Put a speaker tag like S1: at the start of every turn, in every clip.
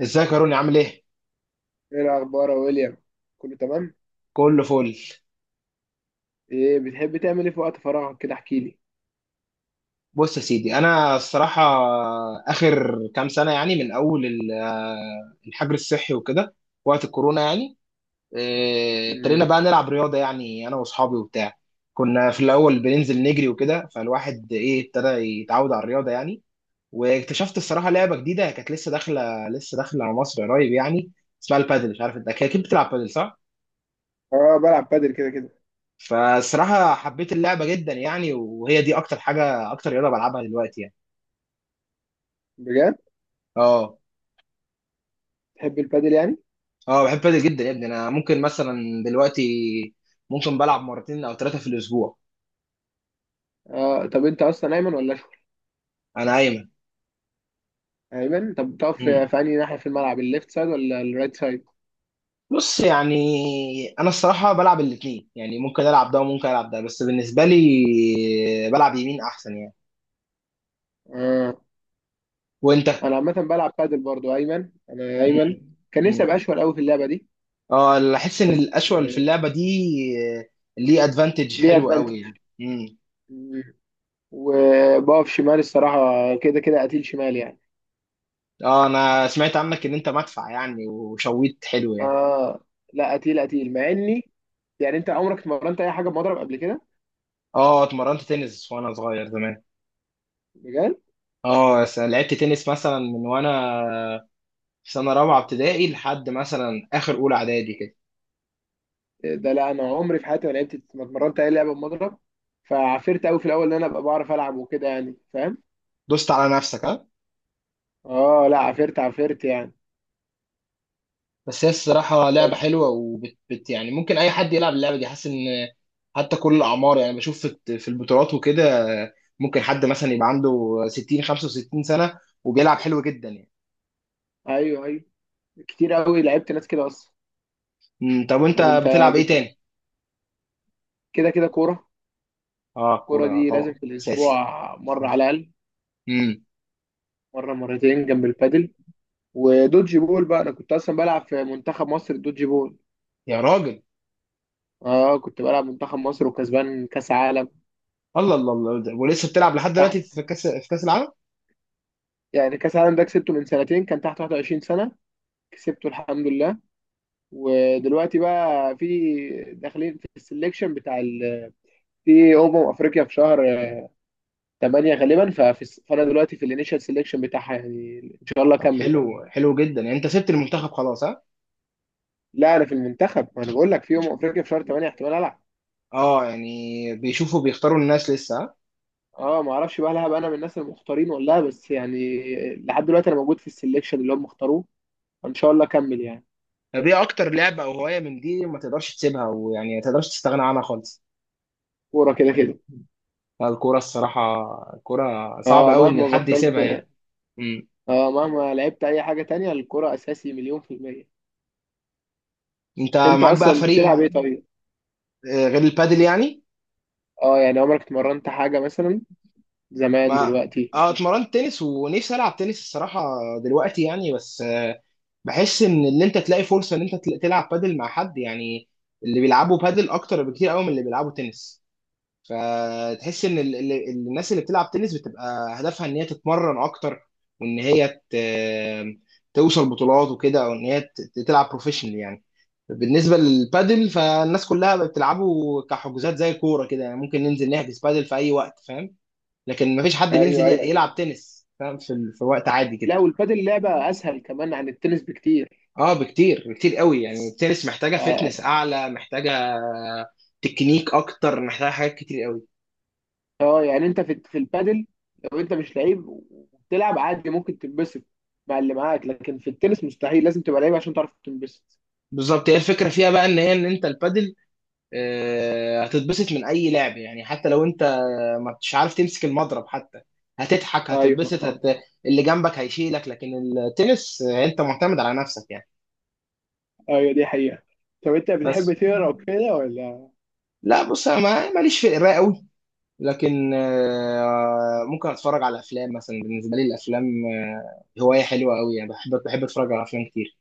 S1: ازيك يا روني؟ عامل ايه؟
S2: ايه الاخبار يا ويليام؟ كله تمام.
S1: كله فل.
S2: ايه بتحب تعمل ايه في وقت فراغك كده؟ احكي لي.
S1: بص يا سيدي، انا الصراحه اخر كام سنه يعني من اول الحجر الصحي وكده، وقت الكورونا يعني.
S2: امم.
S1: ابتدينا بقى نلعب رياضه يعني، انا واصحابي وبتاع. كنا في الاول بننزل نجري وكده، فالواحد ايه ابتدى يتعود على الرياضه يعني. واكتشفت الصراحه لعبه جديده كانت لسه داخله على مصر قريب يعني، اسمها البادل. مش عارف، انت اكيد بتلعب بادل صح؟
S2: اه، بلعب بادل كده كده.
S1: فالصراحه حبيت اللعبه جدا يعني، وهي دي اكتر حاجه، اكتر رياضه بلعبها دلوقتي يعني.
S2: بجد؟
S1: اه.
S2: تحب البادل يعني؟
S1: اه بحب بادل جدا يا ابني، انا ممكن مثلا دلوقتي ممكن بلعب مرتين او ثلاثه في الاسبوع.
S2: اه. طب انت اصلا ايمن ولا اشول؟
S1: انا ايمن.
S2: ايمن. طب بتقف
S1: مم.
S2: في انهي ناحيه في الملعب، الليفت سايد ولا الرايت سايد؟
S1: بص يعني، انا الصراحه بلعب الاثنين يعني ممكن العب ده وممكن العب ده، بس بالنسبه لي بلعب يمين احسن يعني.
S2: اه،
S1: وانت؟
S2: انا عامه بلعب بادل برضو ايمن، انا ايمن.
S1: مم.
S2: كان نفسي ابقى
S1: مم.
S2: اشول قوي في اللعبه دي.
S1: اه، اللي احس ان
S2: بس
S1: الاشول في
S2: آه،
S1: اللعبه دي ليه ادفانتج
S2: ليه
S1: حلو
S2: ادفانتج،
S1: قوي يعني. مم.
S2: وبقف شمال الصراحه، كده كده قتيل شمال يعني.
S1: اه، انا سمعت عنك ان انت مدفع يعني وشويت حلو يعني.
S2: اه لا، قتيل قتيل مع اني، يعني انت عمرك اتمرنت اي حاجه بمضرب قبل كده؟
S1: اه اتمرنت تنس وانا صغير زمان.
S2: بجد؟
S1: اه، لعبت تنس مثلا من وانا في سنه رابعه ابتدائي لحد مثلا اخر اولى اعدادي كده.
S2: ده لا، انا عمري في حياتي ما لعبت، ما اتمرنت اي لعبه بمضرب، فعفرت قوي في الاول ان انا ابقى بعرف العب وكده، يعني فاهم؟
S1: دوست على نفسك ها؟
S2: اه لا، عفرت عفرت يعني.
S1: بس هي الصراحه
S2: طب.
S1: لعبه حلوه، وبت بت يعني ممكن اي حد يلعب اللعبه دي، حاسس ان حتى كل الاعمار يعني. بشوف في البطولات وكده، ممكن حد مثلا يبقى عنده 60 65 سنه وبيلعب حلو جدا يعني.
S2: ايوه ايوه، كتير قوي لعبت ناس كده اصلا.
S1: طب وانت
S2: طب انت
S1: بتلعب ايه
S2: بتح...
S1: تاني؟
S2: كده كده كوره.
S1: اه
S2: الكوره
S1: كوره
S2: دي لازم
S1: طبعا
S2: في
S1: اساسي.
S2: الاسبوع، مره على الاقل،
S1: امم
S2: مره مرتين جنب البادل. ودوجي بول بقى، انا كنت اصلا بلعب في منتخب مصر الدوجي بول.
S1: يا راجل.
S2: اه، كنت بلعب منتخب مصر وكسبان كاس عالم.
S1: الله الله الله، ولسه بتلعب لحد دلوقتي
S2: تحت،
S1: في كاس العالم؟
S2: يعني كاس عالم ده كسبته من سنتين، كان تحت 21 سنة، كسبته الحمد لله. ودلوقتي بقى في داخلين في السليكشن في افريقيا في شهر 8 غالبا. فانا دلوقتي في الانيشال سليكشن بتاعها، يعني ان شاء الله
S1: طب
S2: اكمل بقى.
S1: حلو حلو جدا يعني، انت سبت المنتخب خلاص ها؟
S2: لا، انا في المنتخب، ما انا بقول لك، في افريقيا في شهر 8 احتمال العب.
S1: اه يعني، بيشوفوا بيختاروا الناس لسه ها؟
S2: اه، ما اعرفش بقى، هل هبقى انا من الناس المختارين ولا لا، بس يعني لحد دلوقتي انا موجود في السليكشن اللي هم اختاروه، ان شاء الله اكمل يعني.
S1: طب ايه اكتر لعبه او هوايه من دي ما تقدرش تسيبها، ويعني ما تقدرش تستغنى عنها خالص؟
S2: كوره كده كده.
S1: لا، الكوره الصراحه. الكوره صعب
S2: اه،
S1: قوي ان
S2: مهما
S1: حد
S2: بطلت،
S1: يسيبها يعني. امم.
S2: اه، مهما لعبت اي حاجة تانية، الكرة اساسي مليون في المية.
S1: انت
S2: انت
S1: معاك بقى
S2: اصلا
S1: فريق
S2: بتلعب
S1: ما؟
S2: ايه طيب؟
S1: غير البادل يعني.
S2: اه يعني، عمرك اتمرنت حاجة مثلا زمان؟
S1: ما
S2: دلوقتي؟
S1: اه اتمرنت تنس ونفسي العب تنس الصراحه دلوقتي يعني. بس بحس ان انت تلاقي فرصه ان انت تلعب بادل مع حد يعني. اللي بيلعبوا بادل اكتر بكتير قوي من اللي بيلعبوا تنس. فتحس ان الناس اللي بتلعب تنس بتبقى هدفها ان هي تتمرن اكتر، وان هي توصل بطولات وكده، او ان هي تلعب بروفيشنال يعني. بالنسبه للبادل فالناس كلها بتلعبه كحجوزات، زي الكوره كده يعني ممكن ننزل نحجز بادل في اي وقت فاهم. لكن مفيش حد
S2: ايوه
S1: بينزل
S2: ايوه.
S1: يلعب تنس فاهم، في في وقت عادي كده.
S2: لا، والبادل لعبة اسهل كمان عن التنس بكتير.
S1: اه بكتير بكتير قوي يعني، التنس محتاجه،
S2: اه.
S1: فتنس اعلى محتاجه تكنيك اكتر، محتاجه حاجات كتير قوي.
S2: يعني انت في البادل، لو انت مش لعيب وبتلعب عادي ممكن تنبسط مع اللي معاك، لكن في التنس مستحيل، لازم تبقى لعيب عشان تعرف تنبسط.
S1: بالظبط، هي الفكره فيها بقى ان هي، ان انت البادل هتتبسط من اي لعب يعني، حتى لو انت ما مش عارف تمسك المضرب حتى، هتضحك،
S2: ايوه، أنا
S1: هتتبسط،
S2: فاهم.
S1: اللي جنبك هيشيلك. لكن التنس انت معتمد على نفسك يعني.
S2: ايوه، دي حقيقة. طب انت بتحب
S1: بس
S2: تقرا وكده ولا؟
S1: لا بص، انا ماليش في القرايه قوي، لكن ممكن اتفرج على افلام مثلا. بالنسبه لي الافلام هوايه حلوه قوي يعني، بحب اتفرج على افلام كتير.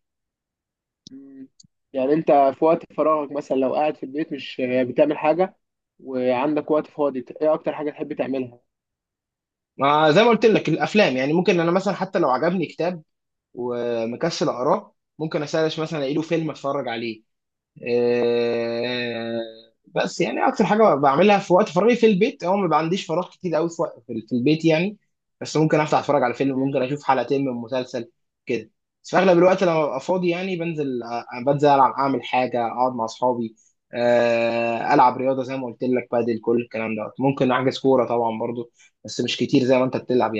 S2: مم. يعني انت في وقت فراغك، مثلا لو قاعد في البيت مش بتعمل حاجة وعندك وقت فاضي، ايه اكتر حاجة تحب تعملها؟
S1: ما زي ما قلت لك الافلام يعني، ممكن انا مثلا حتى لو عجبني كتاب ومكسل اقراه، ممكن اسرش مثلا الاقي له فيلم اتفرج عليه. آه، بس يعني اكتر حاجه بعملها في وقت فراغي في البيت، هو ما عنديش فراغ كتير قوي في وقت- في في البيت يعني. بس ممكن افتح اتفرج على فيلم،
S2: مم.
S1: ممكن اشوف حلقتين من مسلسل كده. بس في اغلب الوقت لما ببقى فاضي يعني بنزل، بنزل العب اعمل حاجه اقعد مع اصحابي، العب رياضه زي ما قلت لك، بادل كل الكلام ده، ممكن احجز كوره طبعا برضو، بس مش كتير زي ما انت بتلعب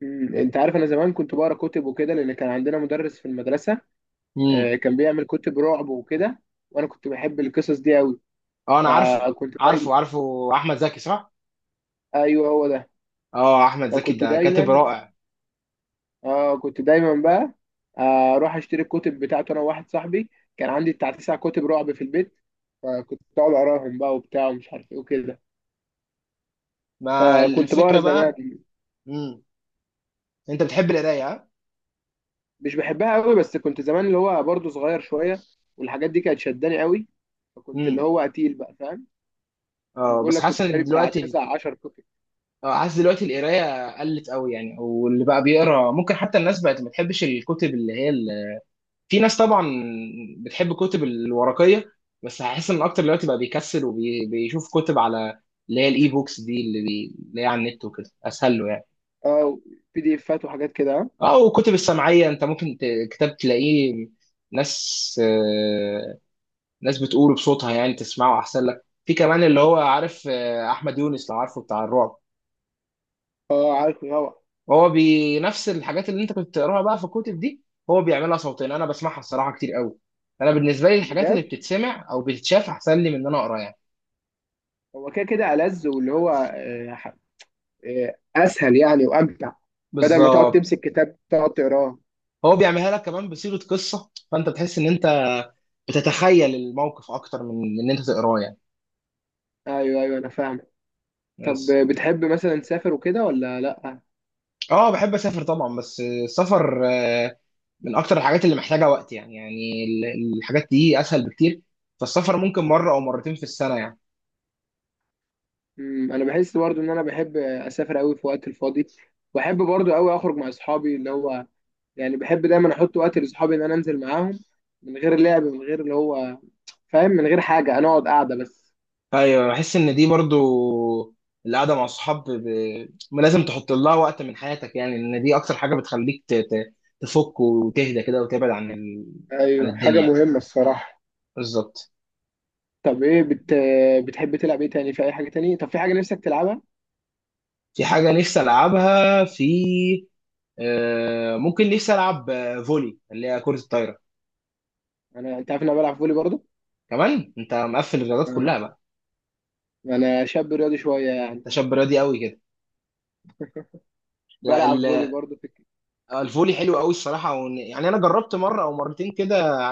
S2: مم. انت عارف، انا زمان كنت بقرا كتب وكده، لان كان عندنا مدرس في المدرسة
S1: يعني.
S2: كان بيعمل كتب رعب وكده، وانا كنت بحب القصص دي قوي،
S1: اه انا عارفه
S2: فكنت دايما.
S1: عارفه عارفه، احمد زكي صح؟
S2: ايوه، هو ده.
S1: اه احمد زكي
S2: فكنت
S1: ده كاتب
S2: دايما،
S1: رائع.
S2: اه كنت دايما بقى اروح اشتري الكتب بتاعته انا وواحد صاحبي، كان عندي بتاع تسع كتب رعب في البيت، فكنت اقعد اقراهم بقى وبتاع ومش عارف ايه وكده،
S1: ما
S2: فكنت بقرا
S1: الفكره
S2: زمان.
S1: بقى. امم انت بتحب القرايه ها؟
S2: مش بحبها قوي، بس كنت زمان اللي هو برضه صغير شويه، والحاجات دي كانت شداني قوي، فكنت اللي
S1: امم
S2: هو قتيل بقى، فاهم؟ انا
S1: اه
S2: بقول
S1: بس
S2: لك
S1: حاسس
S2: كنت
S1: ان
S2: شاري بتاع
S1: دلوقتي،
S2: 9 10 كتب.
S1: اه حاسس دلوقتي القرايه قلت قوي يعني، واللي بقى بيقرا ممكن حتى الناس بقت ما بتحبش الكتب، اللي هي في ناس طبعا بتحب الكتب الورقيه. بس هحس ان اكتر دلوقتي بقى بيكسل وبيشوف كتب على، اللي هي الاي بوكس دي، اللي هي على النت وكده اسهل له يعني.
S2: اه، بي دي افات وحاجات كده.
S1: اه، وكتب السمعيه انت ممكن كتاب تلاقيه ناس، ناس بتقوله بصوتها يعني تسمعه احسن لك، في كمان اللي هو عارف احمد يونس لو عارفه بتاع الرعب.
S2: اه، عارفه طبعا.
S1: هو بنفس الحاجات اللي انت كنت بتقراها بقى في الكتب دي، هو بيعملها صوتين. انا بسمعها الصراحه كتير قوي. انا بالنسبه لي الحاجات اللي
S2: بجد؟
S1: بتتسمع او بتتشاف احسن لي من ان انا اقرا يعني.
S2: هو كده كده ألذ، واللي هو اسهل يعني وامتع، بدل ما تقعد
S1: بالظبط.
S2: تمسك كتاب تقعد تقراه.
S1: هو بيعملها لك كمان بصيغه قصه، فانت بتحس ان انت بتتخيل الموقف اكتر من ان انت تقراه يعني.
S2: ايوه ايوه انا فاهم. طب
S1: بس
S2: بتحب مثلا تسافر وكده ولا لا؟
S1: اه بحب اسافر طبعا، بس السفر من اكتر الحاجات اللي محتاجه وقت يعني، يعني الحاجات دي اسهل بكتير، فالسفر ممكن مره او مرتين في السنه يعني.
S2: انا بحس برضو ان انا بحب اسافر قوي في وقت الفاضي، واحب برضو قوي اخرج مع اصحابي، اللي هو يعني بحب دايما احط وقت لاصحابي ان انا انزل معاهم، من غير لعب، من غير اللي هو فاهم، من غير حاجه، انا اقعد قاعده بس.
S1: ايوه بحس ان دي برضو، القعده مع الصحاب لازم تحط لها وقت من حياتك يعني، ان دي اكتر حاجه بتخليك تفك وتهدى كده، وتبعد عن عن
S2: ايوه، حاجة
S1: الدنيا.
S2: مهمة الصراحة.
S1: بالظبط.
S2: طب ايه بتحب تلعب ايه تاني، في اي حاجه تاني؟ طب في حاجه نفسك تلعبها؟
S1: في حاجه نفسي العبها في آه، ممكن نفسي العب، فولي اللي هي كره الطايره.
S2: انا انت عارف ان انا بلعب فولي برضو.
S1: كمان انت مقفل الرياضات
S2: آه.
S1: كلها بقى؟
S2: انا شاب رياضي شويه يعني،
S1: ده شاب رياضي قوي كده. لا
S2: بلعب فولي برضو في،
S1: الفولي حلو قوي الصراحه، يعني انا جربت مره او مرتين كده.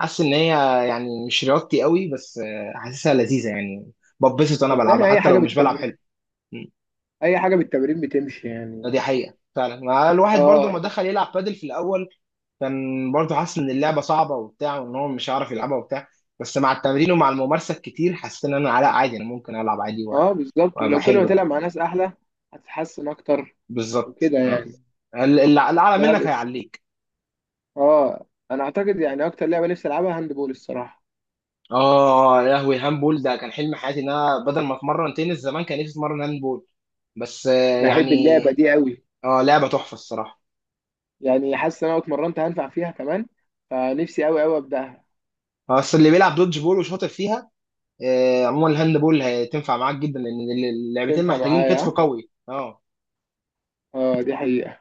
S1: حاسس ان هي يعني مش رياضتي قوي، بس حاسسها لذيذه يعني، ببسط وانا بلعبها
S2: صدقني اي
S1: حتى لو
S2: حاجه
S1: مش بلعب
S2: بالتمرين،
S1: حلو. م.
S2: اي حاجه بالتمرين بتمشي
S1: دي
S2: يعني.
S1: حقيقه فعلا، ما الواحد برضو
S2: اه.
S1: ما دخل يلعب بادل في الاول كان برضو حاسس ان اللعبه صعبه وبتاع، وان هو مش هيعرف يلعبها وبتاع. بس مع التمرين ومع الممارسه الكتير حسيت ان انا لا عادي، انا ممكن العب عادي
S2: اه بالظبط،
S1: وابقى
S2: ولو كل ما
S1: حلو
S2: تلعب مع
S1: يعني.
S2: ناس احلى هتتحسن اكتر،
S1: بالظبط
S2: وكده
S1: آه.
S2: يعني.
S1: اللي اعلى
S2: ده
S1: منك
S2: بس.
S1: هيعليك.
S2: اه انا اعتقد يعني اكتر لعبه نفسي العبها هاند بول الصراحه،
S1: اه يا لهوي، هاندبول ده كان حلم حياتي، ان انا بدل ما اتمرن تنس زمان كان نفسي اتمرن هاندبول. بس
S2: بحب
S1: يعني
S2: اللعبه دي قوي،
S1: اه لعبه تحفه الصراحه.
S2: يعني حاسس ان انا لو اتمرنت هنفع فيها كمان، فنفسي قوي قوي ابداها.
S1: بس اللي بيلعب دودج بول وشاطر فيها، عموما الهاندبول هتنفع معاك جدا، لان اللعبتين
S2: تنفع
S1: محتاجين كتف
S2: معايا.
S1: قوي. اه
S2: اه، دي حقيقه،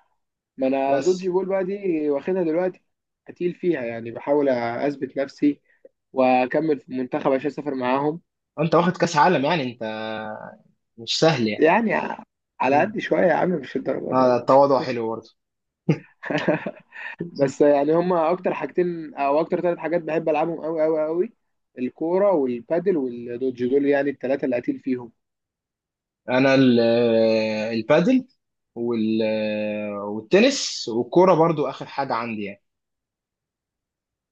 S2: ما انا دوجي
S1: بس
S2: بول بقى دي واخدها دلوقتي، هتقيل فيها يعني، بحاول اثبت نفسي واكمل في المنتخب عشان اسافر معاهم،
S1: انت واخد كاس عالم يعني، انت مش سهل يعني.
S2: يعني على
S1: مم.
S2: قد شويه يا عم، مش الدرجه دي
S1: اه
S2: برضه.
S1: التواضع حلو برضه.
S2: بس يعني هما اكتر حاجتين او اكتر ثلاث حاجات بحب العبهم قوي قوي قوي، الكوره والبادل والدوج دول يعني الثلاثه اللي قتيل فيهم.
S1: انا البادل، والتنس، والكوره برضو اخر حاجه عندي يعني.